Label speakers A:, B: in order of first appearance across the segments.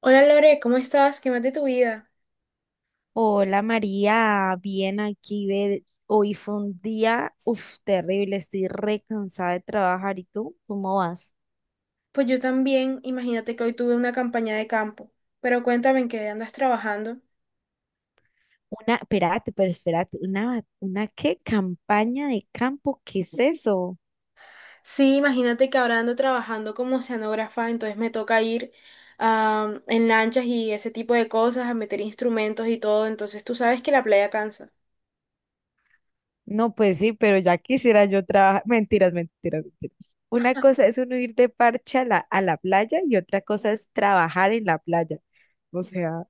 A: Hola Lore, ¿cómo estás? ¿Qué más de tu vida?
B: Hola María, bien aquí, ve, hoy fue un día, uf, terrible, estoy re cansada de trabajar, ¿y tú? ¿Cómo vas?
A: Pues yo también, imagínate que hoy tuve una campaña de campo, pero cuéntame en qué andas trabajando.
B: Una, espérate, pero espérate, una qué campaña de campo, ¿qué es eso?
A: Sí, imagínate que ahora ando trabajando como oceanógrafa, entonces me toca ir en lanchas y ese tipo de cosas, a meter instrumentos y todo, entonces tú sabes que la playa cansa.
B: No, pues sí, pero ya quisiera yo trabajar. Mentiras, mentiras, mentiras. Una cosa es uno ir de parche a la playa y otra cosa es trabajar en la playa. O sea,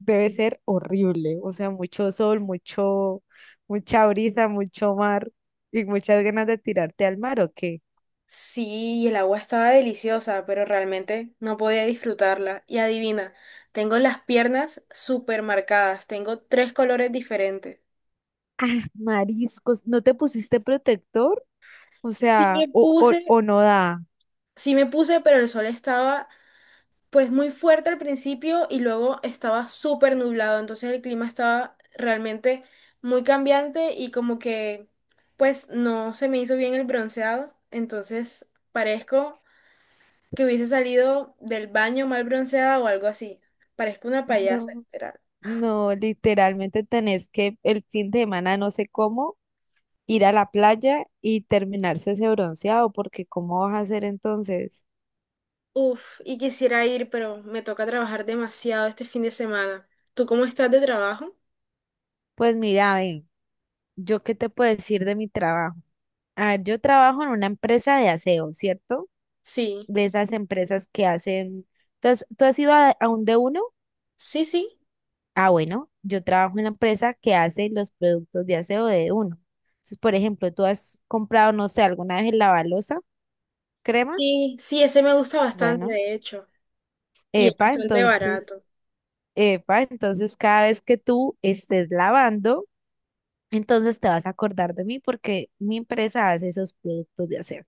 B: debe ser horrible, o sea, mucho sol, mucha brisa, mucho mar y muchas ganas de tirarte al mar, ¿o qué?
A: Sí, y el agua estaba deliciosa, pero realmente no podía disfrutarla. Y adivina, tengo las piernas súper marcadas, tengo tres colores diferentes.
B: Ah, mariscos, ¿no te pusiste protector? O
A: Sí,
B: sea,
A: me
B: o, o,
A: puse
B: o no da.
A: Sí, me puse, pero el sol estaba pues muy fuerte al principio y luego estaba súper nublado, entonces el clima estaba realmente muy cambiante y como que pues no se me hizo bien el bronceado, entonces parezco que hubiese salido del baño mal bronceada o algo así, parezco una payasa,
B: No,
A: literal.
B: no, literalmente tenés que el fin de semana, no sé cómo, ir a la playa y terminarse ese bronceado, porque ¿cómo vas a hacer entonces?
A: Uf, y quisiera ir, pero me toca trabajar demasiado este fin de semana. ¿Tú cómo estás de trabajo?
B: Pues mira, ven, ¿yo qué te puedo decir de mi trabajo? A ver, yo trabajo en una empresa de aseo, ¿cierto?
A: Sí,
B: De esas empresas que hacen. Entonces, ¿tú has ido a un de uno?
A: sí, sí.
B: Ah, bueno, yo trabajo en la empresa que hace los productos de aseo de uno. Entonces, por ejemplo, tú has comprado, no sé, alguna vez el lavalosa, crema.
A: Sí, sí, ese me gusta bastante,
B: Bueno,
A: de hecho. Y es
B: epa,
A: bastante
B: entonces,
A: barato.
B: epa, entonces cada vez que tú estés lavando, entonces te vas a acordar de mí porque mi empresa hace esos productos de aseo.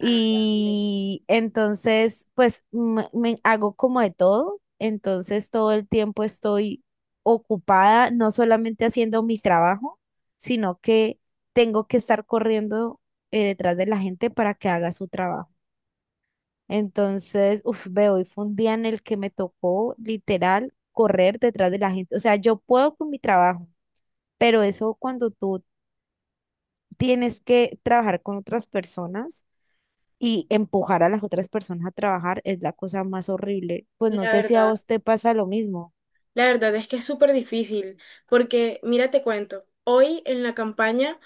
A: Ah, vale.
B: entonces, pues me hago como de todo. Entonces, todo el tiempo estoy ocupada, no solamente haciendo mi trabajo, sino que tengo que estar corriendo detrás de la gente para que haga su trabajo. Entonces, uf, ve, hoy fue un día en el que me tocó literal correr detrás de la gente. O sea, yo puedo con mi trabajo, pero eso cuando tú tienes que trabajar con otras personas y empujar a las otras personas a trabajar es la cosa más horrible. Pues no
A: La
B: sé si a
A: verdad,
B: vos te pasa lo mismo.
A: la verdad es que es súper difícil, porque mira, te cuento, hoy en la campaña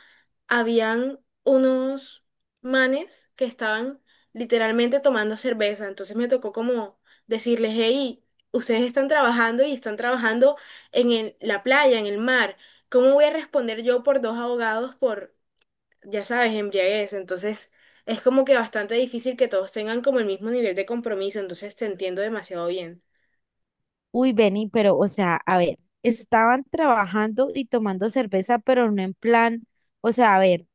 A: habían unos manes que estaban literalmente tomando cerveza, entonces me tocó como decirles, hey, ustedes están trabajando y están trabajando en la playa, en el mar, ¿cómo voy a responder yo por dos abogados por ya sabes, embriaguez? Entonces, es como que bastante difícil que todos tengan como el mismo nivel de compromiso. Entonces, te entiendo demasiado bien.
B: Uy, Benny, pero o sea, a ver, estaban trabajando y tomando cerveza, pero no en plan, o sea, a ver,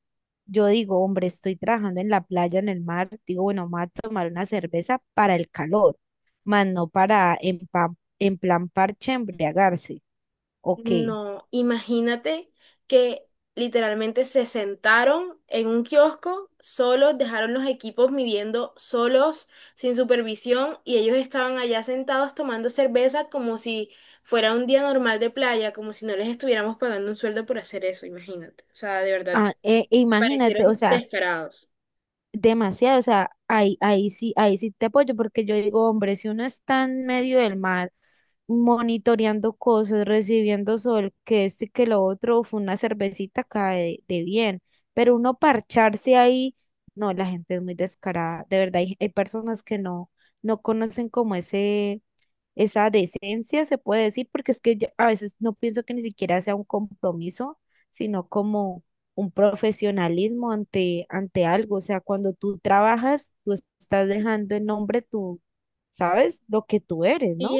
B: yo digo, hombre, estoy trabajando en la playa, en el mar, digo, bueno, me voy a tomar una cerveza para el calor, más no para en plan parche embriagarse. Ok.
A: No, imagínate que literalmente se sentaron en un kiosco solos, dejaron los equipos midiendo solos, sin supervisión, y ellos estaban allá sentados tomando cerveza como si fuera un día normal de playa, como si no les estuviéramos pagando un sueldo por hacer eso, imagínate. O sea, de verdad,
B: Ah,
A: me
B: imagínate, o
A: parecieron
B: sea,
A: descarados.
B: demasiado, o sea, ahí, ahí sí te apoyo, porque yo digo, hombre, si uno está en medio del mar, monitoreando cosas, recibiendo sol, que esto y que lo otro, fue una cervecita cae de bien, pero uno parcharse ahí, no, la gente es muy descarada, de verdad, hay personas que no, no conocen como ese, esa decencia, se puede decir, porque es que yo a veces no pienso que ni siquiera sea un compromiso, sino como un profesionalismo ante, ante algo. O sea, cuando tú trabajas, tú estás dejando en nombre tú, ¿sabes? Lo que tú eres, ¿no?
A: Sí,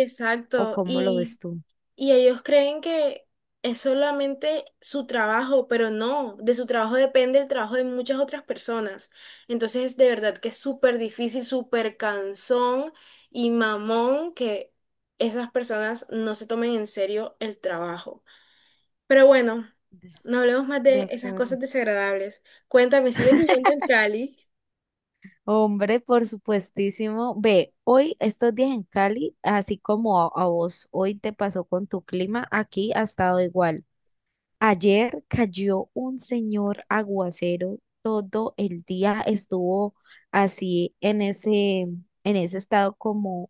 B: ¿O
A: exacto.
B: cómo lo ves
A: Y,
B: tú?
A: y ellos creen que es solamente su trabajo, pero no, de su trabajo depende el trabajo de muchas otras personas. Entonces, de verdad que es súper difícil, súper cansón y mamón que esas personas no se tomen en serio el trabajo. Pero bueno,
B: De,
A: no hablemos más
B: de
A: de esas
B: acuerdo.
A: cosas desagradables. Cuéntame, ¿sigues viviendo en Cali?
B: Hombre, por supuestísimo. Ve, hoy, estos días en Cali, así como a vos hoy te pasó con tu clima, aquí ha estado igual. Ayer cayó un señor aguacero, todo el día estuvo así en ese estado como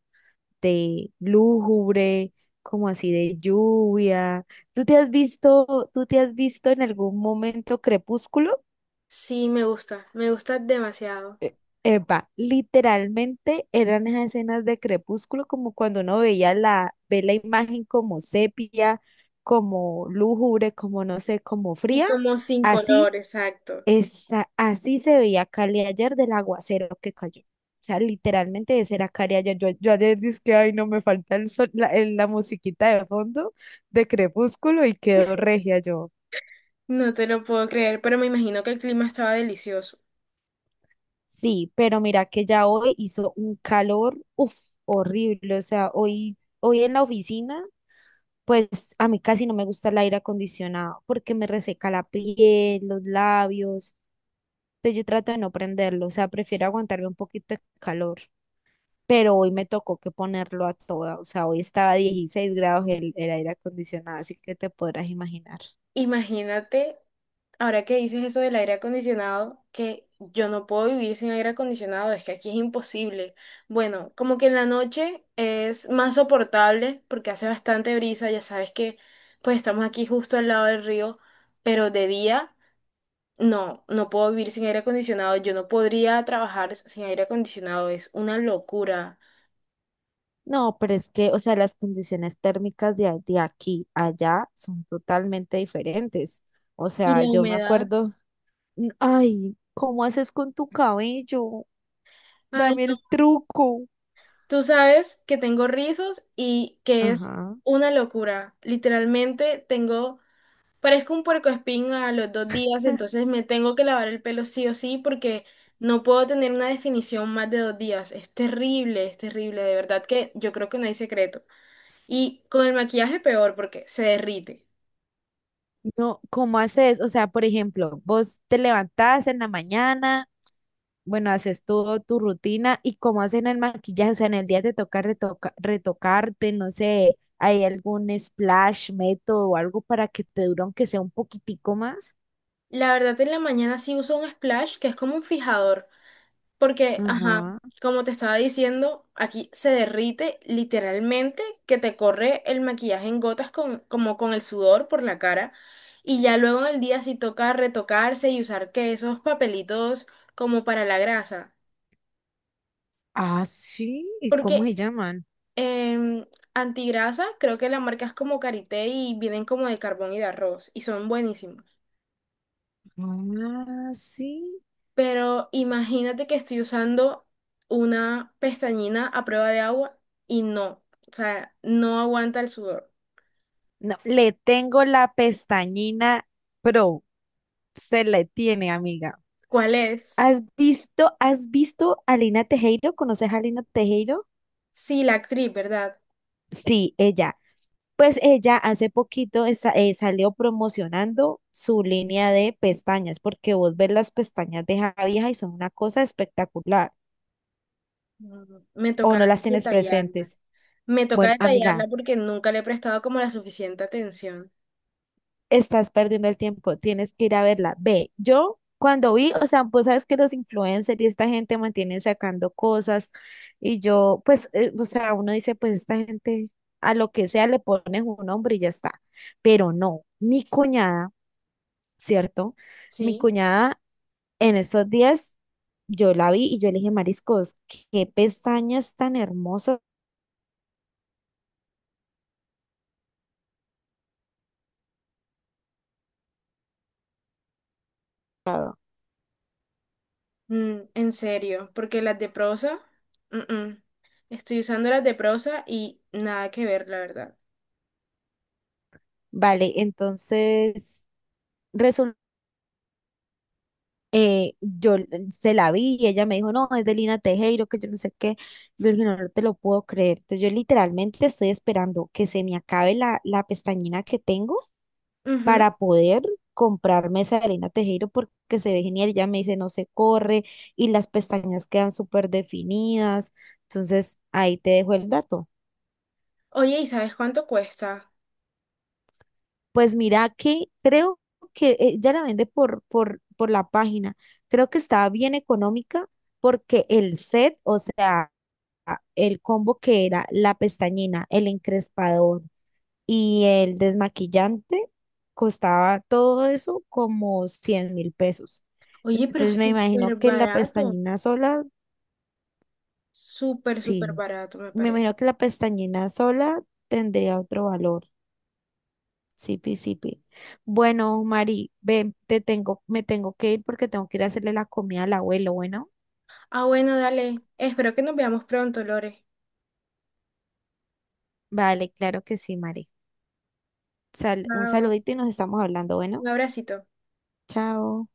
B: de lúgubre, como así de lluvia. ¿Tú te has visto, tú te has visto en algún momento Crepúsculo?
A: Sí, me gusta demasiado.
B: E- Epa, literalmente eran esas escenas de Crepúsculo, como cuando uno ve la imagen como sepia, como lúgubre, como no sé, como
A: Sí,
B: fría.
A: como sin
B: Así
A: color, exacto.
B: Esa, así se veía Cali ayer del aguacero que cayó. O sea, literalmente ese era Cali ayer. Yo ayer dije ay, no me falta el sol- la, el- la musiquita de fondo de Crepúsculo y quedó regia yo.
A: No te lo puedo creer, pero me imagino que el clima estaba delicioso.
B: Sí, pero mira que ya hoy hizo un calor, uff, horrible. O sea, hoy en la oficina, pues a mí casi no me gusta el aire acondicionado porque me reseca la piel, los labios. Entonces yo trato de no prenderlo. O sea, prefiero aguantarme un poquito de calor, pero hoy me tocó que ponerlo a toda, o sea, hoy estaba a 16 grados el aire acondicionado, así que te podrás imaginar.
A: Imagínate, ahora que dices eso del aire acondicionado, que yo no puedo vivir sin aire acondicionado, es que aquí es imposible. Bueno, como que en la noche es más soportable porque hace bastante brisa, ya sabes que pues estamos aquí justo al lado del río, pero de día no, no puedo vivir sin aire acondicionado, yo no podría trabajar sin aire acondicionado, es una locura.
B: No, pero es que, o sea, las condiciones térmicas de aquí a allá son totalmente diferentes. O
A: Y
B: sea,
A: la
B: yo me
A: humedad.
B: acuerdo, ay, ¿cómo haces con tu cabello?
A: Ay,
B: Dame el truco.
A: tú sabes que tengo rizos y que es
B: Ajá.
A: una locura. Literalmente tengo, parezco un puercoespín a los 2 días, entonces me tengo que lavar el pelo sí o sí porque no puedo tener una definición más de 2 días. Es terrible, de verdad que yo creo que no hay secreto. Y con el maquillaje peor porque se derrite.
B: No, ¿cómo haces? O sea, por ejemplo, vos te levantás en la mañana, bueno, haces todo tu rutina y cómo hacen el maquillaje, o sea, en el día te toca retocarte, no sé, ¿hay algún splash, método o algo para que te dure aunque sea un poquitico más?
A: La verdad en la mañana sí uso un splash que es como un fijador. Porque, ajá,
B: Ajá.
A: como te estaba diciendo, aquí se derrite literalmente que te corre el maquillaje en gotas con, como con el sudor por la cara. Y ya luego en el día sí toca retocarse y usar que esos papelitos como para la grasa.
B: Ah, sí, ¿y cómo
A: Porque
B: se llaman?
A: en antigrasa creo que la marca es como Carité y vienen como de carbón y de arroz y son buenísimos.
B: Ah, sí.
A: Pero imagínate que estoy usando una pestañina a prueba de agua y no, o sea, no aguanta el sudor.
B: No, le tengo la pestañina pro, se le tiene, amiga.
A: ¿Cuál es?
B: ¿Has visto a Lina Tejero? ¿Conoces a Lina Tejero?
A: Sí, la actriz, ¿verdad?
B: Sí, ella. Pues ella hace poquito salió promocionando su línea de pestañas, porque vos ves las pestañas de esa vieja y son una cosa espectacular,
A: Mm, me
B: o
A: toca
B: no las tienes
A: detallarla.
B: presentes.
A: Me toca
B: Bueno, amiga,
A: detallarla porque nunca le he prestado como la suficiente atención.
B: estás perdiendo el tiempo, tienes que ir a verla. Ve, yo cuando vi, o sea, pues sabes que los influencers y esta gente mantienen sacando cosas, y yo, pues, o sea, uno dice, pues esta gente a lo que sea le pones un nombre y ya está, pero no, mi cuñada. ¿Cierto? Mi
A: Sí,
B: cuñada en esos días, yo la vi y yo le dije, Mariscos, qué pestañas tan hermosas.
A: mm, en serio, porque las de prosa, mm-mm. Estoy usando las de prosa y nada que ver, la verdad.
B: Vale, entonces resul- se la vi y ella me dijo, no, es de Lina Tejero, que yo no sé qué. Yo le dije, no, no te lo puedo creer. Entonces yo literalmente estoy esperando que se me acabe la, pestañina que tengo
A: Ujú.
B: para poder comprarme esa de Elena Tejero porque se ve genial. Ya me dice, no se corre y las pestañas quedan súper definidas. Entonces, ahí te dejo el dato.
A: Oye, ¿y sabes cuánto cuesta?
B: Pues mira que creo que ya la vende por la página. Creo que estaba bien económica porque el set, o sea, el combo que era la pestañina, el encrespador, y el desmaquillante costaba todo eso como 100.000 pesos.
A: Oye, pero
B: Entonces me
A: súper
B: imagino que la
A: barato.
B: pestañina sola,
A: Súper, súper
B: sí,
A: barato, me
B: me
A: parece.
B: imagino que la pestañina sola tendría otro valor. Sí, pi, sí, pi. Bueno, Mari, ven, te tengo, me tengo que ir porque tengo que ir a hacerle la comida al abuelo, bueno.
A: Ah, bueno, dale. Espero que nos veamos pronto, Lore.
B: Vale, claro que sí, Mari. Un
A: Chao.
B: saludito y nos estamos hablando, bueno.
A: Un abracito.
B: Chao.